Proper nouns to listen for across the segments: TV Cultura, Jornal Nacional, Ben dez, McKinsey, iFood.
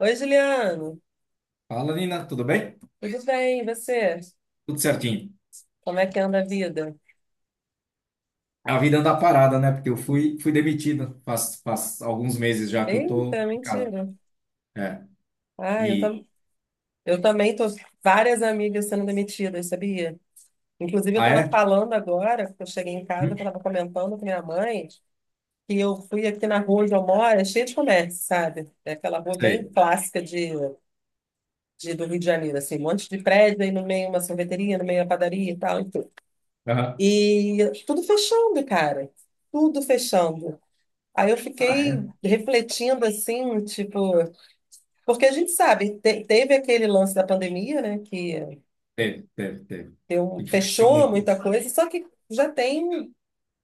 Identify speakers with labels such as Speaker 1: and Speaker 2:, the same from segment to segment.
Speaker 1: Oi, Juliano.
Speaker 2: Fala, Nina, tudo bem?
Speaker 1: Tudo bem? E você?
Speaker 2: Tudo certinho.
Speaker 1: Como é que anda a vida?
Speaker 2: A vida anda parada, né? Porque eu fui demitido faz alguns meses já que eu tô
Speaker 1: Eita,
Speaker 2: em casa.
Speaker 1: mentira.
Speaker 2: É.
Speaker 1: Ah,
Speaker 2: E.
Speaker 1: eu também tô várias amigas sendo demitidas, sabia? Inclusive, eu
Speaker 2: Ah,
Speaker 1: estava
Speaker 2: é?
Speaker 1: falando agora, que eu cheguei em casa, eu
Speaker 2: Hum,
Speaker 1: estava comentando com minha mãe que eu fui aqui na rua onde eu moro, é cheio de comércio, sabe? É aquela rua bem
Speaker 2: sei.
Speaker 1: clássica do Rio de Janeiro, assim, um monte de prédio, aí no meio uma sorveteria, no meio a padaria e tal, e tudo.
Speaker 2: Aham.
Speaker 1: E tudo fechando, cara. Tudo fechando. Aí eu
Speaker 2: Ah,
Speaker 1: fiquei
Speaker 2: é?
Speaker 1: refletindo assim, tipo, porque a gente sabe, teve aquele lance da pandemia, né, que
Speaker 2: Teve, teve, teve. Influenciou
Speaker 1: fechou
Speaker 2: muito.
Speaker 1: muita coisa, só que já tem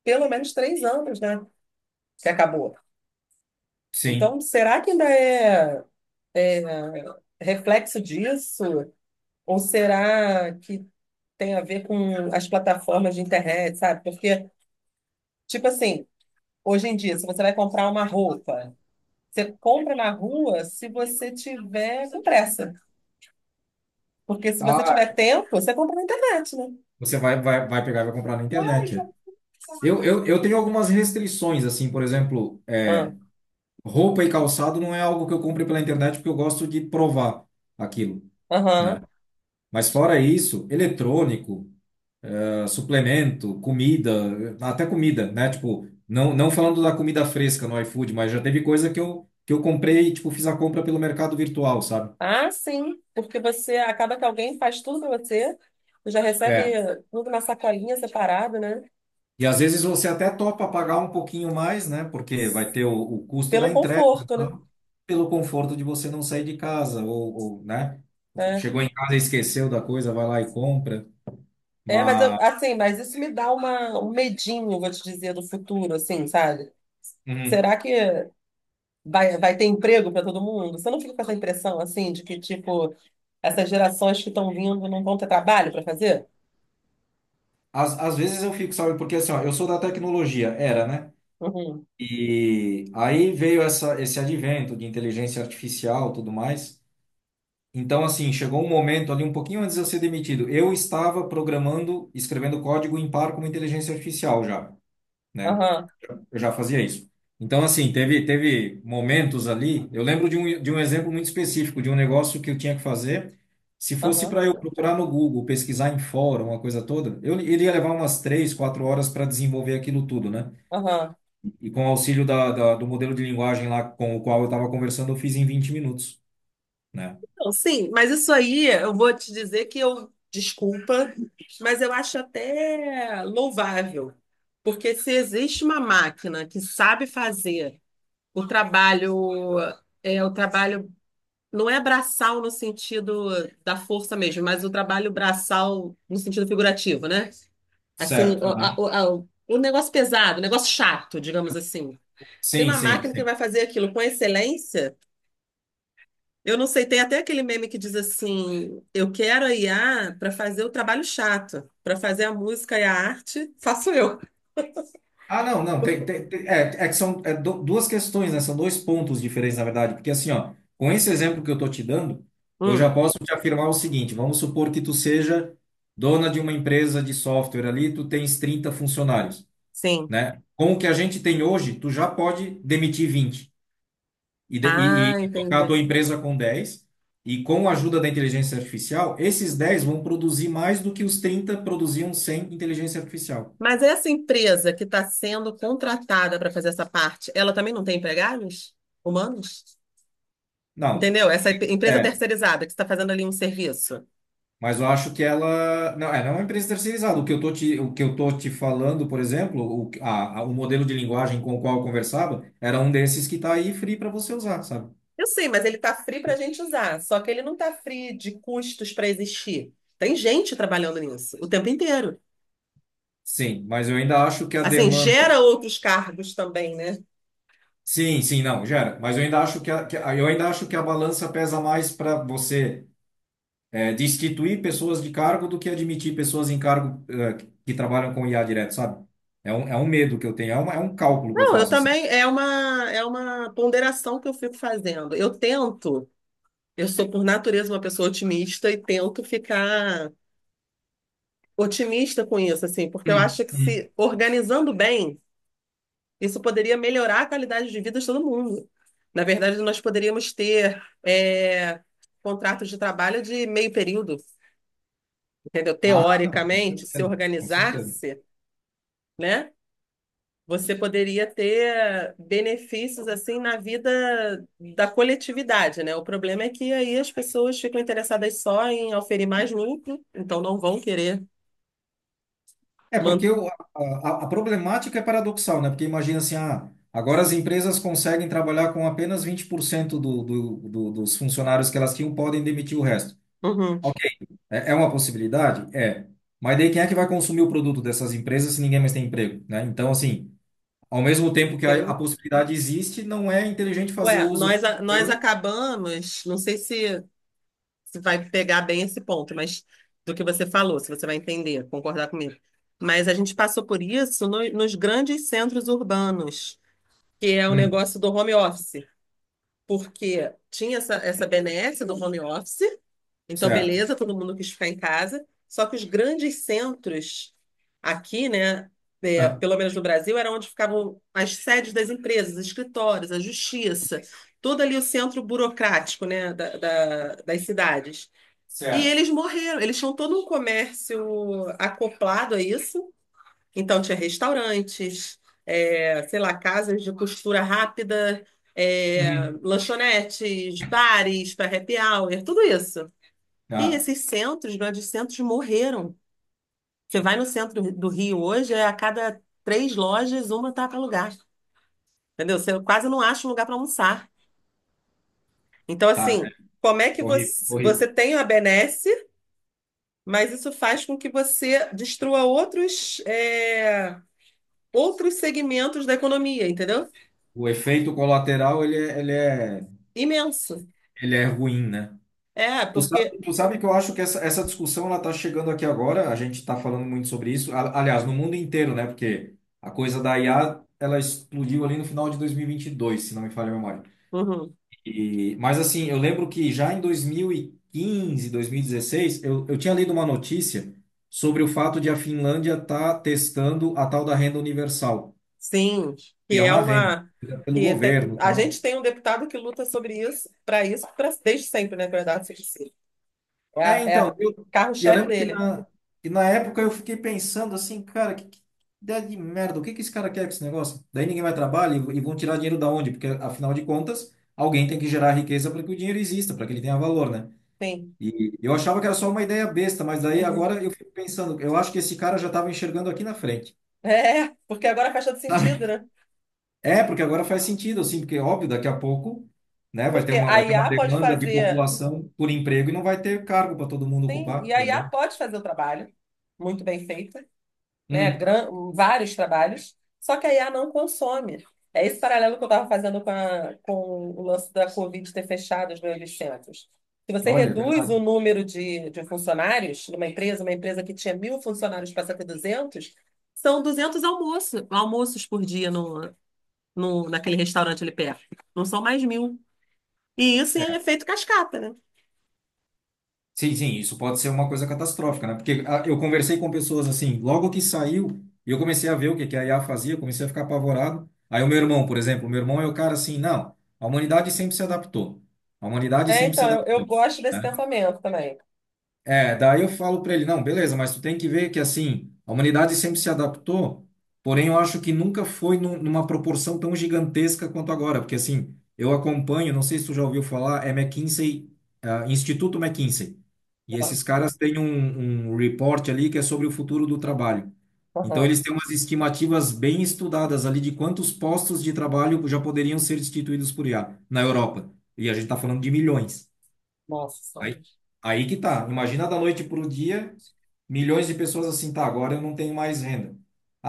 Speaker 1: pelo menos 3 anos, né, que acabou.
Speaker 2: Sim.
Speaker 1: Então, será que ainda é reflexo disso? Ou será que tem a ver com as plataformas de internet, sabe? Porque, tipo assim, hoje em dia, se você vai comprar uma roupa, você compra na rua se você tiver com pressa. Porque se você
Speaker 2: Ah,
Speaker 1: tiver tempo, você compra na internet, né?
Speaker 2: você vai pegar e vai comprar na
Speaker 1: Mas,
Speaker 2: internet. É. Eu tenho algumas restrições, assim, por exemplo,
Speaker 1: ah,
Speaker 2: roupa e calçado não é algo que eu compre pela internet porque eu gosto de provar aquilo, né?
Speaker 1: aham.
Speaker 2: Mas fora isso, eletrônico, suplemento, comida, até comida, né? Tipo, não falando da comida fresca no iFood, mas já teve coisa que eu comprei e, tipo, fiz a compra pelo mercado virtual, sabe?
Speaker 1: Ah, sim, porque você acaba que alguém faz tudo para você, você já recebe
Speaker 2: É.
Speaker 1: tudo na sacolinha separado, né?
Speaker 2: E às vezes você até topa pagar um pouquinho mais, né? Porque vai ter o custo da
Speaker 1: Pelo
Speaker 2: entrega, e
Speaker 1: conforto, né?
Speaker 2: tal, pelo conforto de você não sair de casa, ou, né?
Speaker 1: É,
Speaker 2: Chegou em casa e esqueceu da coisa, vai lá e compra.
Speaker 1: é, mas eu,
Speaker 2: Mas
Speaker 1: assim, mas isso me dá um medinho, vou te dizer, do futuro, assim, sabe?
Speaker 2: uhum,
Speaker 1: Será que vai ter emprego para todo mundo? Você não fica com essa impressão, assim, de que, tipo, essas gerações que estão vindo não vão ter trabalho para fazer?
Speaker 2: às vezes eu fico, sabe? Porque assim, ó, eu sou da tecnologia, era, né?
Speaker 1: Uhum.
Speaker 2: E aí veio esse advento de inteligência artificial, tudo mais. Então, assim, chegou um momento ali um pouquinho antes de eu ser demitido. Eu estava programando, escrevendo código em par com uma inteligência artificial já, né?
Speaker 1: Aham,
Speaker 2: Eu já fazia isso. Então, assim, teve momentos ali. Eu lembro de um exemplo muito específico, de um negócio que eu tinha que fazer. Se fosse
Speaker 1: aham,
Speaker 2: para eu procurar no Google, pesquisar em fórum, uma coisa toda, eu, ele ia levar umas 3, 4 horas para desenvolver aquilo tudo, né?
Speaker 1: aham.
Speaker 2: E com o auxílio do modelo de linguagem lá com o qual eu estava conversando, eu fiz em 20 minutos, né?
Speaker 1: Então, sim, mas isso aí eu vou te dizer que eu, desculpa, mas eu acho até louvável, porque se existe uma máquina que sabe fazer o trabalho, é o trabalho não é braçal no sentido da força mesmo, mas o trabalho braçal no sentido figurativo, né? Assim,
Speaker 2: Certo. Aham.
Speaker 1: o negócio pesado, o negócio chato, digamos assim. Tem
Speaker 2: Sim,
Speaker 1: uma
Speaker 2: sim,
Speaker 1: máquina que
Speaker 2: sim.
Speaker 1: vai fazer aquilo com excelência. Eu não sei, tem até aquele meme que diz assim: eu quero a IA para fazer o trabalho chato, para fazer a música e a arte, faço eu.
Speaker 2: Ah, não. É que são duas questões, né? São dois pontos diferentes, na verdade. Porque assim, ó, com esse exemplo que eu tô te dando, eu já
Speaker 1: Hum,
Speaker 2: posso te afirmar o seguinte: vamos supor que tu seja dona de uma empresa de software ali, tu tens 30 funcionários,
Speaker 1: sim.
Speaker 2: né? Com o que a gente tem hoje, tu já pode demitir 20 e, de- e, e-
Speaker 1: Ah,
Speaker 2: e tocar a
Speaker 1: entendi.
Speaker 2: tua empresa com 10 e com a ajuda da inteligência artificial, esses 10 vão produzir mais do que os 30 produziam sem inteligência artificial.
Speaker 1: Mas essa empresa que está sendo contratada para fazer essa parte, ela também não tem empregados humanos?
Speaker 2: Não,
Speaker 1: Entendeu? Essa empresa
Speaker 2: é,
Speaker 1: terceirizada que está fazendo ali um serviço.
Speaker 2: mas eu acho que ela não é uma empresa terceirizada. O que eu tô te, o que eu tô te falando, por exemplo, o modelo de linguagem com o qual eu conversava era um desses que está aí free para você usar, sabe?
Speaker 1: Eu sei, mas ele está free para a gente usar, só que ele não está free de custos para existir. Tem gente trabalhando nisso o tempo inteiro.
Speaker 2: Sim, mas eu ainda acho que a
Speaker 1: Assim, gera
Speaker 2: demanda.
Speaker 1: outros cargos também, né?
Speaker 2: Sim, sim, não, gera. Mas eu ainda acho que a balança pesa mais para você destituir pessoas de cargo do que admitir pessoas em cargo, que trabalham com IA direto, sabe? É um medo que eu tenho, é um cálculo que eu
Speaker 1: Não, eu
Speaker 2: faço assim.
Speaker 1: também, é uma ponderação que eu fico fazendo. Eu tento, eu sou por natureza uma pessoa otimista e tento ficar otimista com isso, assim, porque eu
Speaker 2: Hum,
Speaker 1: acho que
Speaker 2: hum.
Speaker 1: se organizando bem, isso poderia melhorar a qualidade de vida de todo mundo. Na verdade, nós poderíamos ter, contratos de trabalho de meio período, entendeu?
Speaker 2: Ah, não, com
Speaker 1: Teoricamente, se
Speaker 2: certeza, com certeza.
Speaker 1: organizar-se, né? Você poderia ter benefícios assim na vida da coletividade, né? O problema é que aí as pessoas ficam interessadas só em oferir mais lucro, então não vão querer
Speaker 2: É porque
Speaker 1: manter.
Speaker 2: a problemática é paradoxal, né? Porque imagina assim, ah, agora as empresas conseguem trabalhar com apenas 20% dos funcionários que elas tinham, podem demitir o resto.
Speaker 1: Uhum,
Speaker 2: Ok, é, é uma possibilidade? É. Mas daí quem é que vai consumir o produto dessas empresas se ninguém mais tem emprego, né? Então, assim, ao mesmo tempo que a
Speaker 1: sim.
Speaker 2: possibilidade existe, não é inteligente fazer
Speaker 1: Ué,
Speaker 2: uso
Speaker 1: nós
Speaker 2: dela.
Speaker 1: acabamos, não sei se vai pegar bem esse ponto, mas do que você falou, se você vai entender, concordar comigo. Mas a gente passou por isso nos grandes centros urbanos, que é o
Speaker 2: Hum,
Speaker 1: negócio do home office. Porque tinha essa benesse do home office, então
Speaker 2: certo.
Speaker 1: beleza, todo mundo quis ficar em casa, só que os grandes centros aqui, né,
Speaker 2: Ah,
Speaker 1: pelo menos no Brasil, era onde ficavam as sedes das empresas, escritórios, a justiça, todo ali o centro burocrático, né, das cidades. E
Speaker 2: certo.
Speaker 1: eles morreram, eles tinham todo um comércio acoplado a isso, então, tinha restaurantes, sei lá, casas de costura rápida,
Speaker 2: Uhum.
Speaker 1: lanchonetes, bares para happy hour, tudo isso. E
Speaker 2: Ah,
Speaker 1: esses centros, grandes centros, morreram. Você vai no centro do Rio hoje, é a cada três lojas, uma tá para alugar. Entendeu? Você quase não acha um lugar para almoçar. Então,
Speaker 2: tá. É
Speaker 1: assim, como é que
Speaker 2: horrível,
Speaker 1: você
Speaker 2: horrível.
Speaker 1: tem a benesse, mas isso faz com que você destrua outros, outros segmentos da economia, entendeu?
Speaker 2: O efeito colateral, ele é, ele é,
Speaker 1: Imenso.
Speaker 2: ele é ruim, né?
Speaker 1: É,
Speaker 2: Tu
Speaker 1: porque.
Speaker 2: sabe, tu sabe que eu acho que essa discussão ela tá chegando aqui agora, a gente está falando muito sobre isso, aliás, no mundo inteiro, né? Porque a coisa da IA, ela explodiu ali no final de 2022, se não me falha a memória.
Speaker 1: Uhum.
Speaker 2: E, mas assim, eu lembro que já em 2015, 2016, eu tinha lido uma notícia sobre o fato de a Finlândia estar testando a tal da renda universal,
Speaker 1: Sim,
Speaker 2: que
Speaker 1: que
Speaker 2: é
Speaker 1: é
Speaker 2: uma renda
Speaker 1: uma.
Speaker 2: pelo governo, e
Speaker 1: A gente
Speaker 2: tal.
Speaker 1: tem um deputado que luta sobre isso, para isso, desde sempre, né, verdade, se diz. é,
Speaker 2: É,
Speaker 1: a- é
Speaker 2: então,
Speaker 1: a-
Speaker 2: eu, eu
Speaker 1: carro-chefe
Speaker 2: lembro que
Speaker 1: dele.
Speaker 2: na, que na época eu fiquei pensando assim, cara, que ideia de merda, o que que esse cara quer com esse negócio? Daí ninguém vai trabalhar e vão tirar dinheiro da onde? Porque, afinal de contas, alguém tem que gerar riqueza para que o dinheiro exista, para que ele tenha valor, né?
Speaker 1: Sim.
Speaker 2: E eu achava que era só uma ideia besta, mas daí
Speaker 1: Uhum.
Speaker 2: agora eu fico pensando, eu acho que esse cara já estava enxergando aqui na frente,
Speaker 1: É, porque agora faz todo
Speaker 2: sabe?
Speaker 1: sentido, né?
Speaker 2: É, porque agora faz sentido, assim, porque óbvio, daqui a pouco, né,
Speaker 1: Porque a
Speaker 2: vai ter uma
Speaker 1: IA pode
Speaker 2: demanda de
Speaker 1: fazer.
Speaker 2: população por emprego e não vai ter cargo para todo mundo
Speaker 1: Sim,
Speaker 2: ocupar,
Speaker 1: e a
Speaker 2: por
Speaker 1: IA
Speaker 2: exemplo.
Speaker 1: pode fazer o trabalho, muito bem feito, né,
Speaker 2: Uhum.
Speaker 1: vários trabalhos, só que a IA não consome. É esse paralelo que eu estava fazendo com o lance da Covid ter fechado os 1.800. Se você
Speaker 2: Olha, é
Speaker 1: reduz
Speaker 2: verdade.
Speaker 1: o
Speaker 2: É.
Speaker 1: número de funcionários numa empresa, uma empresa que tinha 1.000 funcionários passa a ter 200, são 200 almoços, almoços por dia no, no, naquele restaurante ali perto. Não são mais 1.000. E isso em efeito cascata, né?
Speaker 2: Sim, sim, isso pode ser uma coisa catastrófica, né? Porque ah, eu conversei com pessoas assim, logo que saiu, e eu comecei a ver o que que a IA fazia, comecei a ficar apavorado. Aí o meu irmão, por exemplo, o meu irmão é o cara assim, não, a humanidade sempre se adaptou. A humanidade
Speaker 1: É,
Speaker 2: sempre se
Speaker 1: então, eu
Speaker 2: adaptou,
Speaker 1: gosto desse
Speaker 2: né?
Speaker 1: pensamento também.
Speaker 2: É, daí eu falo para ele, não, beleza, mas tu tem que ver que assim, a humanidade sempre se adaptou, porém eu acho que nunca foi numa proporção tão gigantesca quanto agora, porque assim, eu acompanho, não sei se tu já ouviu falar, McKinsey, ah, Instituto McKinsey. E esses caras têm um report ali que é sobre o futuro do trabalho. Então
Speaker 1: Aham.
Speaker 2: eles têm umas estimativas bem estudadas ali de quantos postos de trabalho já poderiam ser destituídos por IA na Europa. E a gente está falando de milhões.
Speaker 1: Nossa
Speaker 2: Aí,
Speaker 1: senhora.
Speaker 2: aí que tá. Imagina da noite para o dia, milhões de pessoas assim, tá, agora eu não tenho mais renda.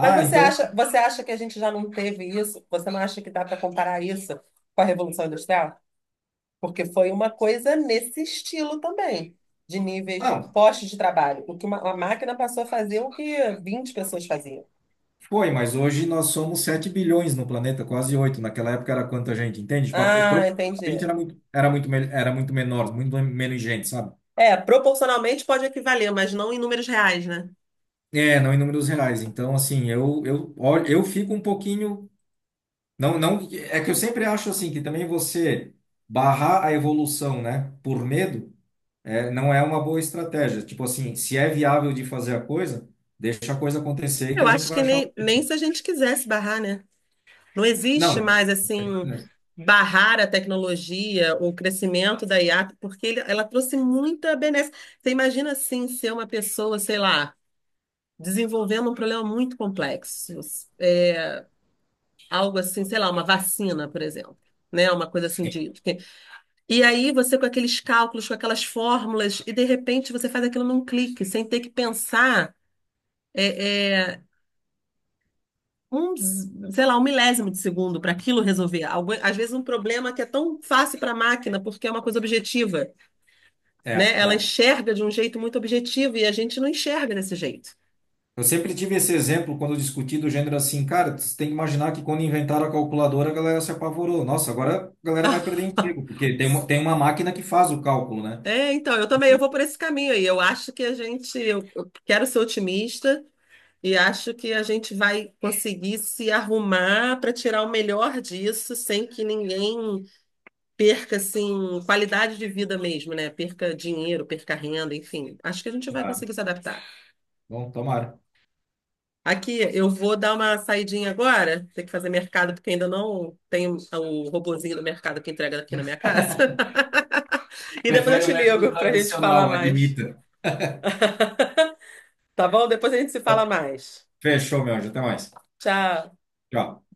Speaker 1: Mas você
Speaker 2: então,
Speaker 1: acha, você acha que a gente já não teve isso? Você não acha que dá para comparar isso com a Revolução Industrial? Porque foi uma coisa nesse estilo também, de níveis de
Speaker 2: não,
Speaker 1: postos de trabalho. O que uma máquina passou a fazer o que 20 pessoas faziam.
Speaker 2: foi, mas hoje nós somos 7 bilhões no planeta, quase 8. Naquela época era quanta gente, entende? Tipo,
Speaker 1: Ah, entendi.
Speaker 2: proporcionalmente era muito menor, muito menos gente, sabe?
Speaker 1: É, proporcionalmente pode equivaler, mas não em números reais, né?
Speaker 2: É, não em números reais. Então, assim, eu fico um pouquinho. Não, não, é que eu sempre acho assim, que também você barrar a evolução, né, por medo. É, não é uma boa estratégia. Tipo assim, se é viável de fazer a coisa, deixa a coisa acontecer que
Speaker 1: Eu
Speaker 2: a gente
Speaker 1: acho
Speaker 2: vai
Speaker 1: que
Speaker 2: achar.
Speaker 1: nem,
Speaker 2: Um-
Speaker 1: nem se a gente quisesse barrar, né? Não existe
Speaker 2: não.
Speaker 1: mais, assim, barrar a tecnologia, o crescimento da IA, porque ela trouxe muita benéfica. Você imagina, assim, ser uma pessoa, sei lá, desenvolvendo um problema muito complexo, é, algo assim, sei lá, uma vacina, por exemplo. Né, uma coisa assim
Speaker 2: Sim.
Speaker 1: de. E aí, você com aqueles cálculos, com aquelas fórmulas, e de repente você faz aquilo num clique, sem ter que pensar é, é, um, sei lá, um milésimo de segundo para aquilo resolver. Às vezes um problema que é tão fácil para a máquina, porque é uma coisa objetiva,
Speaker 2: É,
Speaker 1: né? Ela
Speaker 2: é.
Speaker 1: enxerga de um jeito muito objetivo e a gente não enxerga desse jeito.
Speaker 2: Eu sempre tive esse exemplo quando eu discuti do gênero assim, cara, você tem que imaginar que quando inventaram a calculadora, a galera se apavorou. Nossa, agora a galera vai perder emprego, porque tem uma máquina que faz o cálculo, né?
Speaker 1: É, então, eu também eu
Speaker 2: E-
Speaker 1: vou por esse caminho aí. Eu acho que eu quero ser otimista e acho que a gente vai conseguir se arrumar para tirar o melhor disso sem que ninguém perca assim qualidade de vida mesmo, né? Perca dinheiro, perca renda, enfim. Acho que a gente vai
Speaker 2: ah,
Speaker 1: conseguir se adaptar.
Speaker 2: bom, tomara.
Speaker 1: Aqui, eu vou dar uma saidinha agora, tem que fazer mercado porque ainda não tenho o robozinho do mercado que entrega aqui na minha casa. E depois eu
Speaker 2: Prefere
Speaker 1: te
Speaker 2: o método
Speaker 1: ligo pra gente falar
Speaker 2: tradicional,
Speaker 1: mais,
Speaker 2: admita.
Speaker 1: tá bom? Depois a gente se fala
Speaker 2: Tá.
Speaker 1: mais.
Speaker 2: Fechou, meu anjo. Até mais.
Speaker 1: Tchau.
Speaker 2: Tchau.